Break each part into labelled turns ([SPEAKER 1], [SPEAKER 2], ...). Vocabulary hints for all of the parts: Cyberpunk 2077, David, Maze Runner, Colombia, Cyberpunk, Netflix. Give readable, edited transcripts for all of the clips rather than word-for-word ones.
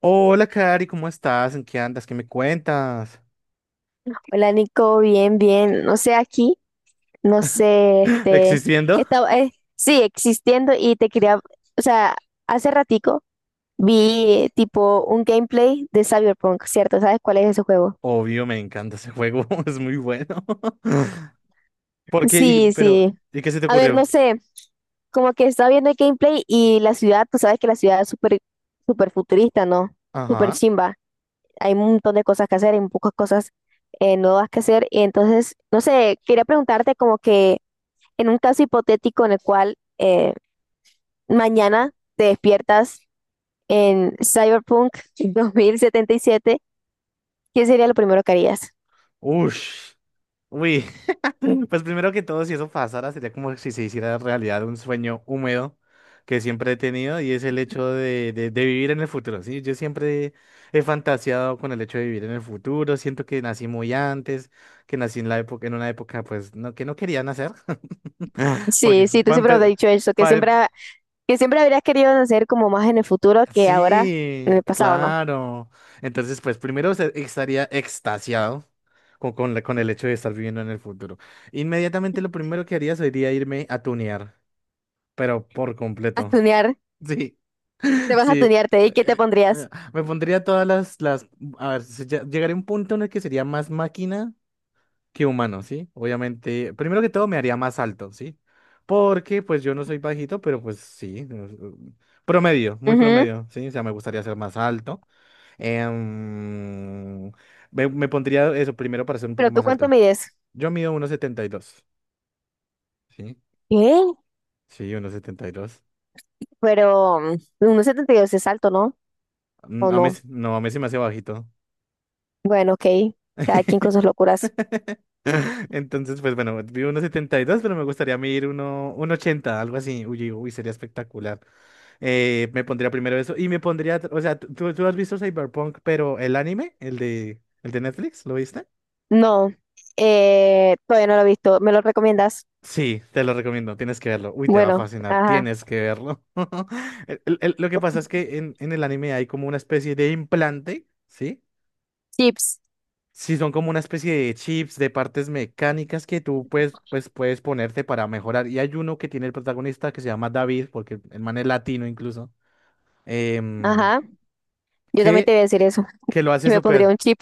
[SPEAKER 1] Hola, Cari, ¿cómo estás? ¿En qué andas? ¿Qué me cuentas?
[SPEAKER 2] Hola Nico, bien, bien. No sé, aquí, no sé,
[SPEAKER 1] ¿Existiendo?
[SPEAKER 2] estaba, sí, existiendo y te quería, o sea, hace ratico vi tipo un gameplay de Cyberpunk, ¿cierto? ¿Sabes cuál es ese juego?
[SPEAKER 1] Obvio, me encanta ese juego, es muy bueno. ¿Por qué?
[SPEAKER 2] Sí, sí.
[SPEAKER 1] ¿Y qué se te
[SPEAKER 2] A ver, no
[SPEAKER 1] ocurrió?
[SPEAKER 2] sé, como que estaba viendo el gameplay y la ciudad, tú sabes que la ciudad es súper, súper futurista, ¿no? Súper
[SPEAKER 1] Ajá.
[SPEAKER 2] chimba. Hay un montón de cosas que hacer, hay pocas cosas nuevas que hacer. Y entonces, no sé, quería preguntarte como que... En un caso hipotético en el cual mañana te despiertas en Cyberpunk 2077, ¿qué sería lo primero que harías?
[SPEAKER 1] Ush. Uy. Pues primero que todo, si eso pasara, sería como si se hiciera realidad un sueño húmedo que siempre he tenido y es el hecho de vivir en el futuro, ¿sí? Yo siempre he fantaseado con el hecho de vivir en el futuro, siento que nací muy antes, que nací en la época, en una época, pues, no, que no quería nacer. Porque
[SPEAKER 2] Sí, sí, tú
[SPEAKER 1] va a
[SPEAKER 2] siempre me has
[SPEAKER 1] empe-
[SPEAKER 2] dicho eso, que
[SPEAKER 1] pa-
[SPEAKER 2] siempre, que siempre habrías querido hacer como más en el futuro que ahora en
[SPEAKER 1] Sí,
[SPEAKER 2] el pasado, ¿no?
[SPEAKER 1] claro. Entonces, pues estaría extasiado con con el hecho de estar viviendo en el futuro. Inmediatamente lo primero que haría sería irme a tunear, pero por
[SPEAKER 2] A
[SPEAKER 1] completo.
[SPEAKER 2] tunear,
[SPEAKER 1] Sí,
[SPEAKER 2] te vas
[SPEAKER 1] sí.
[SPEAKER 2] a tunearte, ¿y qué te
[SPEAKER 1] Eh,
[SPEAKER 2] pondrías?
[SPEAKER 1] Me pondría todas las. A ver, llegaría a un punto en el que sería más máquina que humano, ¿sí? Obviamente, primero que todo me haría más alto, ¿sí? Porque pues yo no soy bajito, pero pues sí, promedio, muy
[SPEAKER 2] Ujú.
[SPEAKER 1] promedio, ¿sí? O sea, me gustaría ser más alto. Em, me pondría eso primero para ser un poco
[SPEAKER 2] ¿Pero tú
[SPEAKER 1] más
[SPEAKER 2] cuánto
[SPEAKER 1] alto.
[SPEAKER 2] mides?
[SPEAKER 1] Yo mido uno setenta y dos, ¿sí?
[SPEAKER 2] ¿Qué?
[SPEAKER 1] Sí, 1,72.
[SPEAKER 2] Pero mm, 1,72 es alto, ¿no? ¿O
[SPEAKER 1] A mí,
[SPEAKER 2] no?
[SPEAKER 1] no, a mí se me hace bajito.
[SPEAKER 2] Bueno, ok, cada quien con sus locuras.
[SPEAKER 1] Entonces, pues bueno, mido uno setenta y dos, pero me gustaría medir uno ochenta, algo así. Uy, uy, sería espectacular. Me pondría primero eso. Y me pondría, o sea, ¿tú has visto Cyberpunk, pero el anime, el de Netflix, lo viste?
[SPEAKER 2] No, todavía no lo he visto, ¿me lo recomiendas?
[SPEAKER 1] Sí, te lo recomiendo, tienes que verlo. Uy, te va a
[SPEAKER 2] Bueno,
[SPEAKER 1] fascinar,
[SPEAKER 2] ajá,
[SPEAKER 1] tienes que verlo. Lo que pasa es que en el anime hay como una especie de implante, ¿sí?
[SPEAKER 2] chips,
[SPEAKER 1] Sí, son como una especie de chips, de partes mecánicas que tú pues puedes ponerte para mejorar. Y hay uno que tiene el protagonista que se llama David, porque el man es latino incluso, em,
[SPEAKER 2] ajá, yo también te
[SPEAKER 1] que,
[SPEAKER 2] voy a decir eso,
[SPEAKER 1] que lo hace
[SPEAKER 2] yo me pondría
[SPEAKER 1] súper.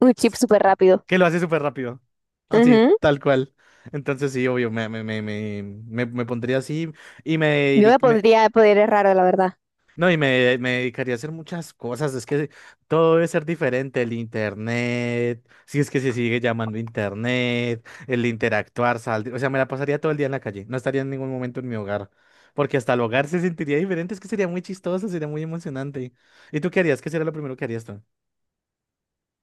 [SPEAKER 2] un chip súper rápido.
[SPEAKER 1] Que lo hace súper rápido. Así,
[SPEAKER 2] Ujú.
[SPEAKER 1] tal cual. Entonces sí, obvio, me pondría así y
[SPEAKER 2] Yo me pondría poderes raros, la verdad.
[SPEAKER 1] no, y me dedicaría a hacer muchas cosas. Es que todo debe ser diferente. El internet, si es que se sigue llamando internet, el interactuar, salir. O sea, me la pasaría todo el día en la calle. No estaría en ningún momento en mi hogar. Porque hasta el hogar se sentiría diferente. Es que sería muy chistoso, sería muy emocionante. ¿Y tú qué harías? ¿Qué sería lo primero que harías tú?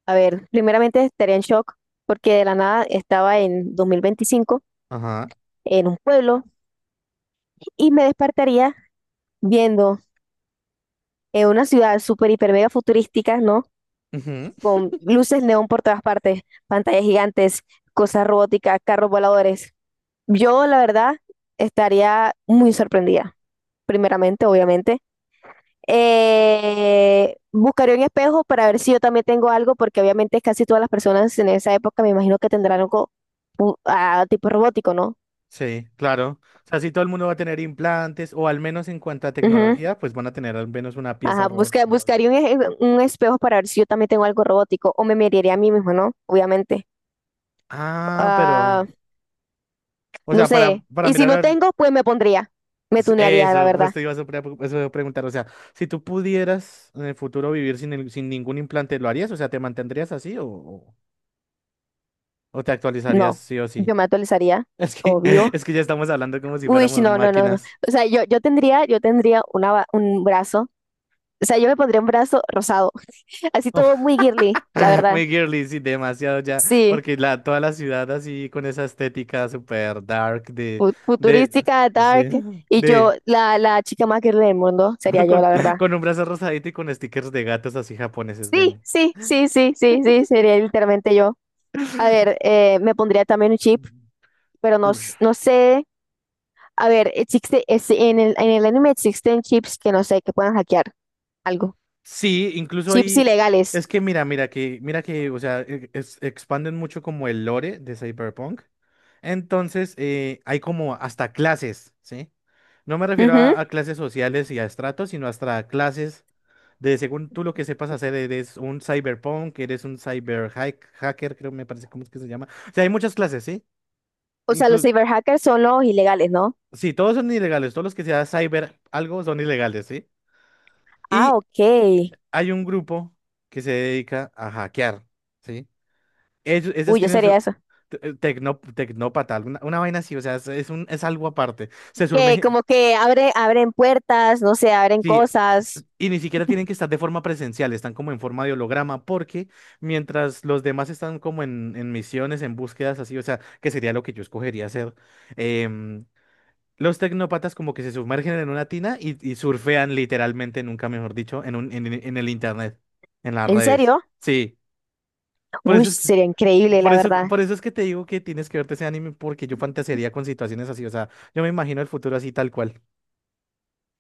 [SPEAKER 2] A ver, primeramente estaría en shock porque de la nada estaba en 2025
[SPEAKER 1] Ajá.
[SPEAKER 2] en un pueblo y me despertaría viendo en una ciudad súper, hiper, mega futurística, ¿no? Con luces neón por todas partes, pantallas gigantes, cosas robóticas, carros voladores. Yo, la verdad, estaría muy sorprendida primeramente, obviamente. Buscaré un espejo para ver si yo también tengo algo, porque obviamente casi todas las personas en esa época me imagino que tendrán algo ah, tipo robótico, ¿no?
[SPEAKER 1] Sí, claro. O sea, si todo el mundo va a tener implantes, o al menos en cuanto a
[SPEAKER 2] Ujú.
[SPEAKER 1] tecnología, pues van a tener al menos una pieza
[SPEAKER 2] Ajá,
[SPEAKER 1] robótica o algo.
[SPEAKER 2] buscaría un, un espejo para ver si yo también tengo algo robótico o me miraría a mí mismo, ¿no? Obviamente.
[SPEAKER 1] Ah,
[SPEAKER 2] Ah,
[SPEAKER 1] pero, o
[SPEAKER 2] no
[SPEAKER 1] sea, para,
[SPEAKER 2] sé.
[SPEAKER 1] para
[SPEAKER 2] Y si
[SPEAKER 1] mirar
[SPEAKER 2] no
[SPEAKER 1] a.
[SPEAKER 2] tengo, pues me pondría. Me tunearía, la
[SPEAKER 1] Eso, pues
[SPEAKER 2] verdad.
[SPEAKER 1] te iba a pre- eso iba a preguntar, o sea, si tú pudieras en el futuro vivir sin ningún implante, ¿lo harías? O sea, ¿te mantendrías así o te actualizarías
[SPEAKER 2] No,
[SPEAKER 1] sí o sí?
[SPEAKER 2] yo me actualizaría,
[SPEAKER 1] Es que,
[SPEAKER 2] obvio.
[SPEAKER 1] es que ya estamos hablando como si
[SPEAKER 2] Uy, sí,
[SPEAKER 1] fuéramos
[SPEAKER 2] no, no, no, no.
[SPEAKER 1] máquinas.
[SPEAKER 2] O sea, yo tendría, yo tendría una, un brazo. O sea, yo me pondría un brazo rosado. Así todo muy girly, la verdad.
[SPEAKER 1] Muy girly, sí, demasiado ya,
[SPEAKER 2] Sí,
[SPEAKER 1] porque toda la ciudad así con esa estética super dark de,
[SPEAKER 2] futurística, dark.
[SPEAKER 1] así,
[SPEAKER 2] Y
[SPEAKER 1] de,
[SPEAKER 2] yo, la chica más girly del mundo, sería yo,
[SPEAKER 1] con,
[SPEAKER 2] la verdad.
[SPEAKER 1] con un brazo rosadito y con stickers de gatos así japoneses
[SPEAKER 2] Sí,
[SPEAKER 1] de...
[SPEAKER 2] sí, sí, sí, sí, sí, sería literalmente yo. A ver, me pondría también un chip, pero no,
[SPEAKER 1] Uy.
[SPEAKER 2] no sé. A ver, existe, en el anime existen chips que no sé, que puedan hackear algo.
[SPEAKER 1] Sí, incluso
[SPEAKER 2] Chips
[SPEAKER 1] ahí,
[SPEAKER 2] ilegales.
[SPEAKER 1] es que mira que, o sea, expanden mucho como el lore de Cyberpunk. Entonces hay como hasta clases, ¿sí? No me refiero
[SPEAKER 2] Ujú.
[SPEAKER 1] a clases sociales y a estratos, sino hasta clases. De según tú lo que sepas hacer, eres un cyberpunk, eres un cyber hacker, creo me parece, ¿cómo es que se llama? O sea, hay muchas clases, ¿sí?
[SPEAKER 2] O sea, los
[SPEAKER 1] Incluso,
[SPEAKER 2] cyberhackers son los ilegales, ¿no?
[SPEAKER 1] sí, todos son ilegales, todos los que sea cyber algo son ilegales, ¿sí?
[SPEAKER 2] Ah,
[SPEAKER 1] Y
[SPEAKER 2] ok.
[SPEAKER 1] hay un grupo que se dedica a hackear, ¿sí? Ellos, esas
[SPEAKER 2] Uy, yo
[SPEAKER 1] tienen
[SPEAKER 2] sería
[SPEAKER 1] su
[SPEAKER 2] eso.
[SPEAKER 1] tecnópata, alguna, una vaina así, o sea, es algo aparte.
[SPEAKER 2] Que como que abre, abren puertas, no sé, abren
[SPEAKER 1] Sí,
[SPEAKER 2] cosas.
[SPEAKER 1] y ni siquiera tienen que estar de forma presencial, están como en forma de holograma, porque mientras los demás están como en misiones, en búsquedas así, o sea, que sería lo que yo escogería hacer. em, los tecnópatas como que se sumergen en una tina y surfean literalmente, nunca mejor dicho, en el internet, en las
[SPEAKER 2] ¿En
[SPEAKER 1] redes.
[SPEAKER 2] serio?
[SPEAKER 1] Sí, por
[SPEAKER 2] Uy,
[SPEAKER 1] eso es que...
[SPEAKER 2] sería increíble, la verdad.
[SPEAKER 1] Por eso es que te digo que tienes que verte ese anime porque yo fantasearía con situaciones así, o sea, yo me imagino el futuro así tal cual.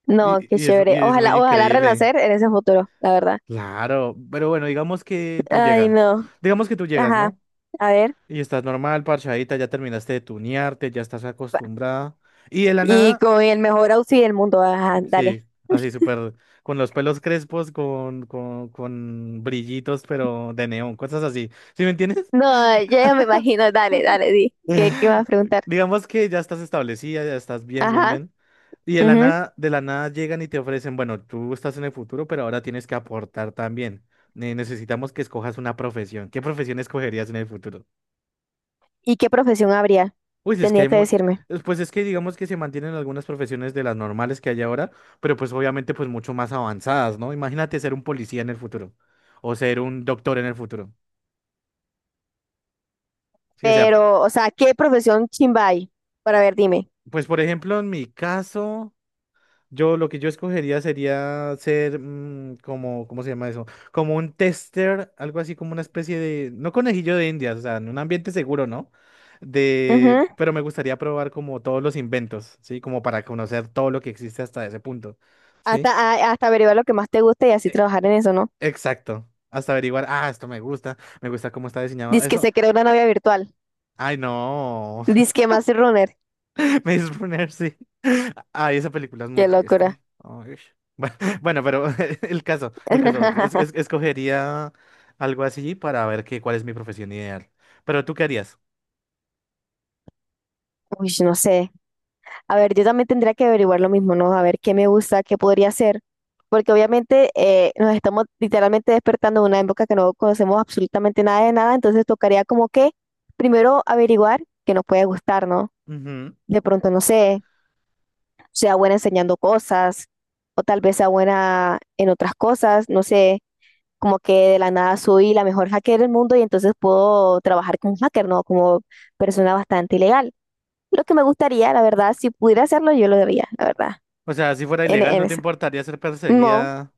[SPEAKER 2] No,
[SPEAKER 1] Y,
[SPEAKER 2] qué
[SPEAKER 1] y es,
[SPEAKER 2] chévere.
[SPEAKER 1] y es muy
[SPEAKER 2] Ojalá, ojalá
[SPEAKER 1] increíble.
[SPEAKER 2] renacer en ese futuro, la verdad.
[SPEAKER 1] Claro, pero bueno, digamos que tú
[SPEAKER 2] Ay,
[SPEAKER 1] llegas,
[SPEAKER 2] no.
[SPEAKER 1] digamos que tú llegas,
[SPEAKER 2] Ajá.
[SPEAKER 1] ¿no?
[SPEAKER 2] A ver.
[SPEAKER 1] Y estás normal, parchadita, ya terminaste de tunearte, ya estás
[SPEAKER 2] pa-
[SPEAKER 1] acostumbrada. Y de la
[SPEAKER 2] Y
[SPEAKER 1] nada,
[SPEAKER 2] con el mejor outfit del mundo. Ajá,
[SPEAKER 1] sí,
[SPEAKER 2] dale.
[SPEAKER 1] así súper, con los pelos crespos, con brillitos, pero de neón, cosas así. ¿Sí me entiendes?
[SPEAKER 2] No, ya me imagino. Dale, dale, di. ¿Qué, qué vas a preguntar?
[SPEAKER 1] Digamos que ya estás establecida, ya estás bien, bien,
[SPEAKER 2] Ajá.
[SPEAKER 1] bien. Y de la
[SPEAKER 2] Ujú.
[SPEAKER 1] nada, de la nada llegan y te ofrecen, bueno, tú estás en el futuro, pero ahora tienes que aportar también. Necesitamos que escojas una profesión. ¿Qué profesión escogerías en el futuro?
[SPEAKER 2] ¿Y qué profesión habría?
[SPEAKER 1] Uy, si es que
[SPEAKER 2] Tendría
[SPEAKER 1] hay
[SPEAKER 2] que
[SPEAKER 1] mu-
[SPEAKER 2] decirme.
[SPEAKER 1] es- pues es que digamos que se mantienen algunas profesiones de las normales que hay ahora, pero pues obviamente pues mucho más avanzadas, ¿no? Imagínate ser un policía en el futuro o ser un doctor en el futuro. Sí, o sea,
[SPEAKER 2] Pero, o sea, ¿qué profesión chimba hay? Para ver, dime.
[SPEAKER 1] pues por ejemplo, en mi caso. Yo lo que yo escogería sería ser como, ¿cómo se llama eso? Como un tester, algo así como una especie de, no conejillo de Indias, o sea, en un ambiente seguro, ¿no? Pero me gustaría probar como todos los inventos, ¿sí? Como para conocer todo lo que existe hasta ese punto,
[SPEAKER 2] Hasta,
[SPEAKER 1] ¿sí?
[SPEAKER 2] hasta averiguar lo que más te gusta y así
[SPEAKER 1] E-
[SPEAKER 2] trabajar en eso, ¿no?
[SPEAKER 1] exacto, hasta averiguar, ah, esto me gusta cómo está diseñado
[SPEAKER 2] Dice que
[SPEAKER 1] eso.
[SPEAKER 2] se creó una novia virtual.
[SPEAKER 1] Ay, no.
[SPEAKER 2] Dice que más runner.
[SPEAKER 1] Maze Runner, sí. Ay, esa película es muy
[SPEAKER 2] Qué
[SPEAKER 1] triste.
[SPEAKER 2] locura.
[SPEAKER 1] Ay, bueno, bueno, pero el caso, escogería algo así para ver qué, cuál es mi profesión ideal. ¿Pero tú qué harías?
[SPEAKER 2] Uy, no sé. A ver, yo también tendría que averiguar lo mismo, ¿no? A ver qué me gusta, qué podría hacer. Porque obviamente nos estamos literalmente despertando en una época que no conocemos absolutamente nada de nada. Entonces tocaría como que primero averiguar qué nos puede gustar, ¿no?
[SPEAKER 1] Ujú.
[SPEAKER 2] De pronto, no sé, sea buena enseñando cosas o tal vez sea buena en otras cosas, no sé, como que de la nada soy la mejor hacker del mundo y entonces puedo trabajar como hacker, ¿no? Como persona bastante ilegal. Lo que me gustaría, la verdad, si pudiera hacerlo, yo lo haría, la verdad,
[SPEAKER 1] O sea, si fuera
[SPEAKER 2] en,
[SPEAKER 1] ilegal,
[SPEAKER 2] en
[SPEAKER 1] ¿no te
[SPEAKER 2] esa.
[SPEAKER 1] importaría ser
[SPEAKER 2] No,
[SPEAKER 1] perseguida?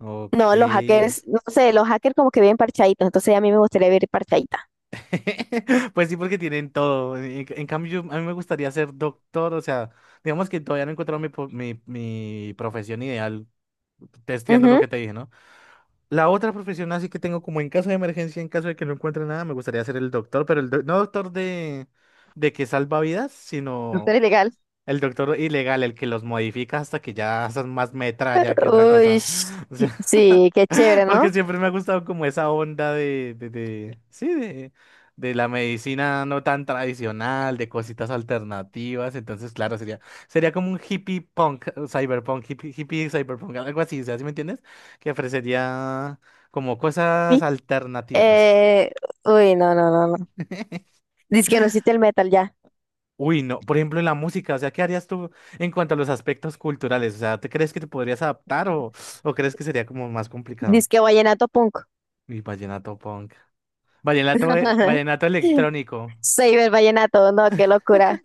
[SPEAKER 1] Ok.
[SPEAKER 2] no, los hackers, no sé, los hackers como que viven parchaditos, entonces a mí me gustaría vivir parchadita.
[SPEAKER 1] Pues sí, porque tienen todo. En cambio, a mí me gustaría ser doctor. O sea, digamos que todavía no he encontrado mi profesión ideal, testeando lo que te dije, ¿no? La otra profesión así que tengo como en caso de emergencia, en caso de que no encuentre nada, me gustaría ser el doctor, pero no doctor de que salva vidas,
[SPEAKER 2] Ujú.
[SPEAKER 1] sino
[SPEAKER 2] Ser ilegal.
[SPEAKER 1] el doctor ilegal, el que los modifica hasta que ya son más metralla que otra
[SPEAKER 2] Uy,
[SPEAKER 1] cosa. O
[SPEAKER 2] sí,
[SPEAKER 1] sea,
[SPEAKER 2] sí, qué chévere, ¿no?
[SPEAKER 1] porque siempre me ha gustado como esa onda de la medicina no tan tradicional, de cositas alternativas. Entonces, claro, sería como un hippie punk, cyberpunk, hippie cyberpunk, algo así, o sea, ¿sí me entiendes? Que ofrecería como cosas alternativas.
[SPEAKER 2] Eh, uy, no, no, no, no. Disque no existe el metal ya.
[SPEAKER 1] Uy, no, por ejemplo, en la música, o sea, ¿qué harías tú en cuanto a los aspectos culturales? O sea, ¿te crees que te podrías adaptar o crees que sería como más complicado?
[SPEAKER 2] Disque vallenato punk.
[SPEAKER 1] Y vallenato punk. Vallenato, vallenato electrónico.
[SPEAKER 2] Cyber vallenato, no, qué locura.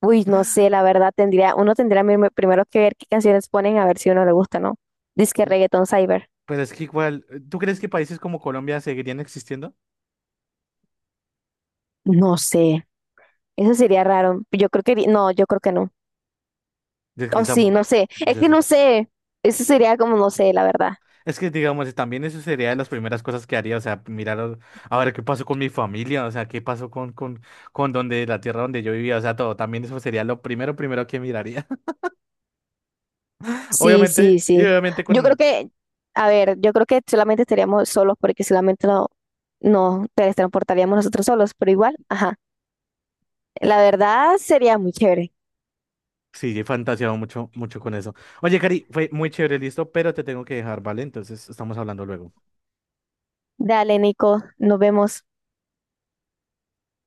[SPEAKER 2] Uy, no sé, la verdad tendría, uno tendría primero que ver qué canciones ponen a ver si uno le gusta, ¿no? Disque reggaetón cyber.
[SPEAKER 1] Pero es que igual, ¿tú crees que países como Colombia seguirían existiendo?
[SPEAKER 2] No sé, eso sería raro. Yo creo que, no, yo creo que no.
[SPEAKER 1] Es que,
[SPEAKER 2] O sí,
[SPEAKER 1] tampo-
[SPEAKER 2] no sé, es
[SPEAKER 1] yo
[SPEAKER 2] que
[SPEAKER 1] te-
[SPEAKER 2] no sé. Eso sería como, no sé, la verdad.
[SPEAKER 1] es que, digamos, también eso sería de las primeras cosas que haría, o sea, mirar a ver qué pasó con mi familia, o sea, qué pasó con donde, la tierra donde yo vivía, o sea, todo, también eso sería lo primero que miraría.
[SPEAKER 2] Sí, sí,
[SPEAKER 1] Obviamente,
[SPEAKER 2] sí. Yo creo que, a ver, yo creo que solamente estaríamos solos porque solamente no nos teletransportaríamos nosotros solos, pero igual, ajá. La verdad sería muy chévere.
[SPEAKER 1] sí, he fantaseado mucho, mucho con eso. Oye, Cari, fue muy chévere, listo, pero te tengo que dejar, ¿vale? Entonces, estamos hablando luego.
[SPEAKER 2] Dale, Nico, nos vemos.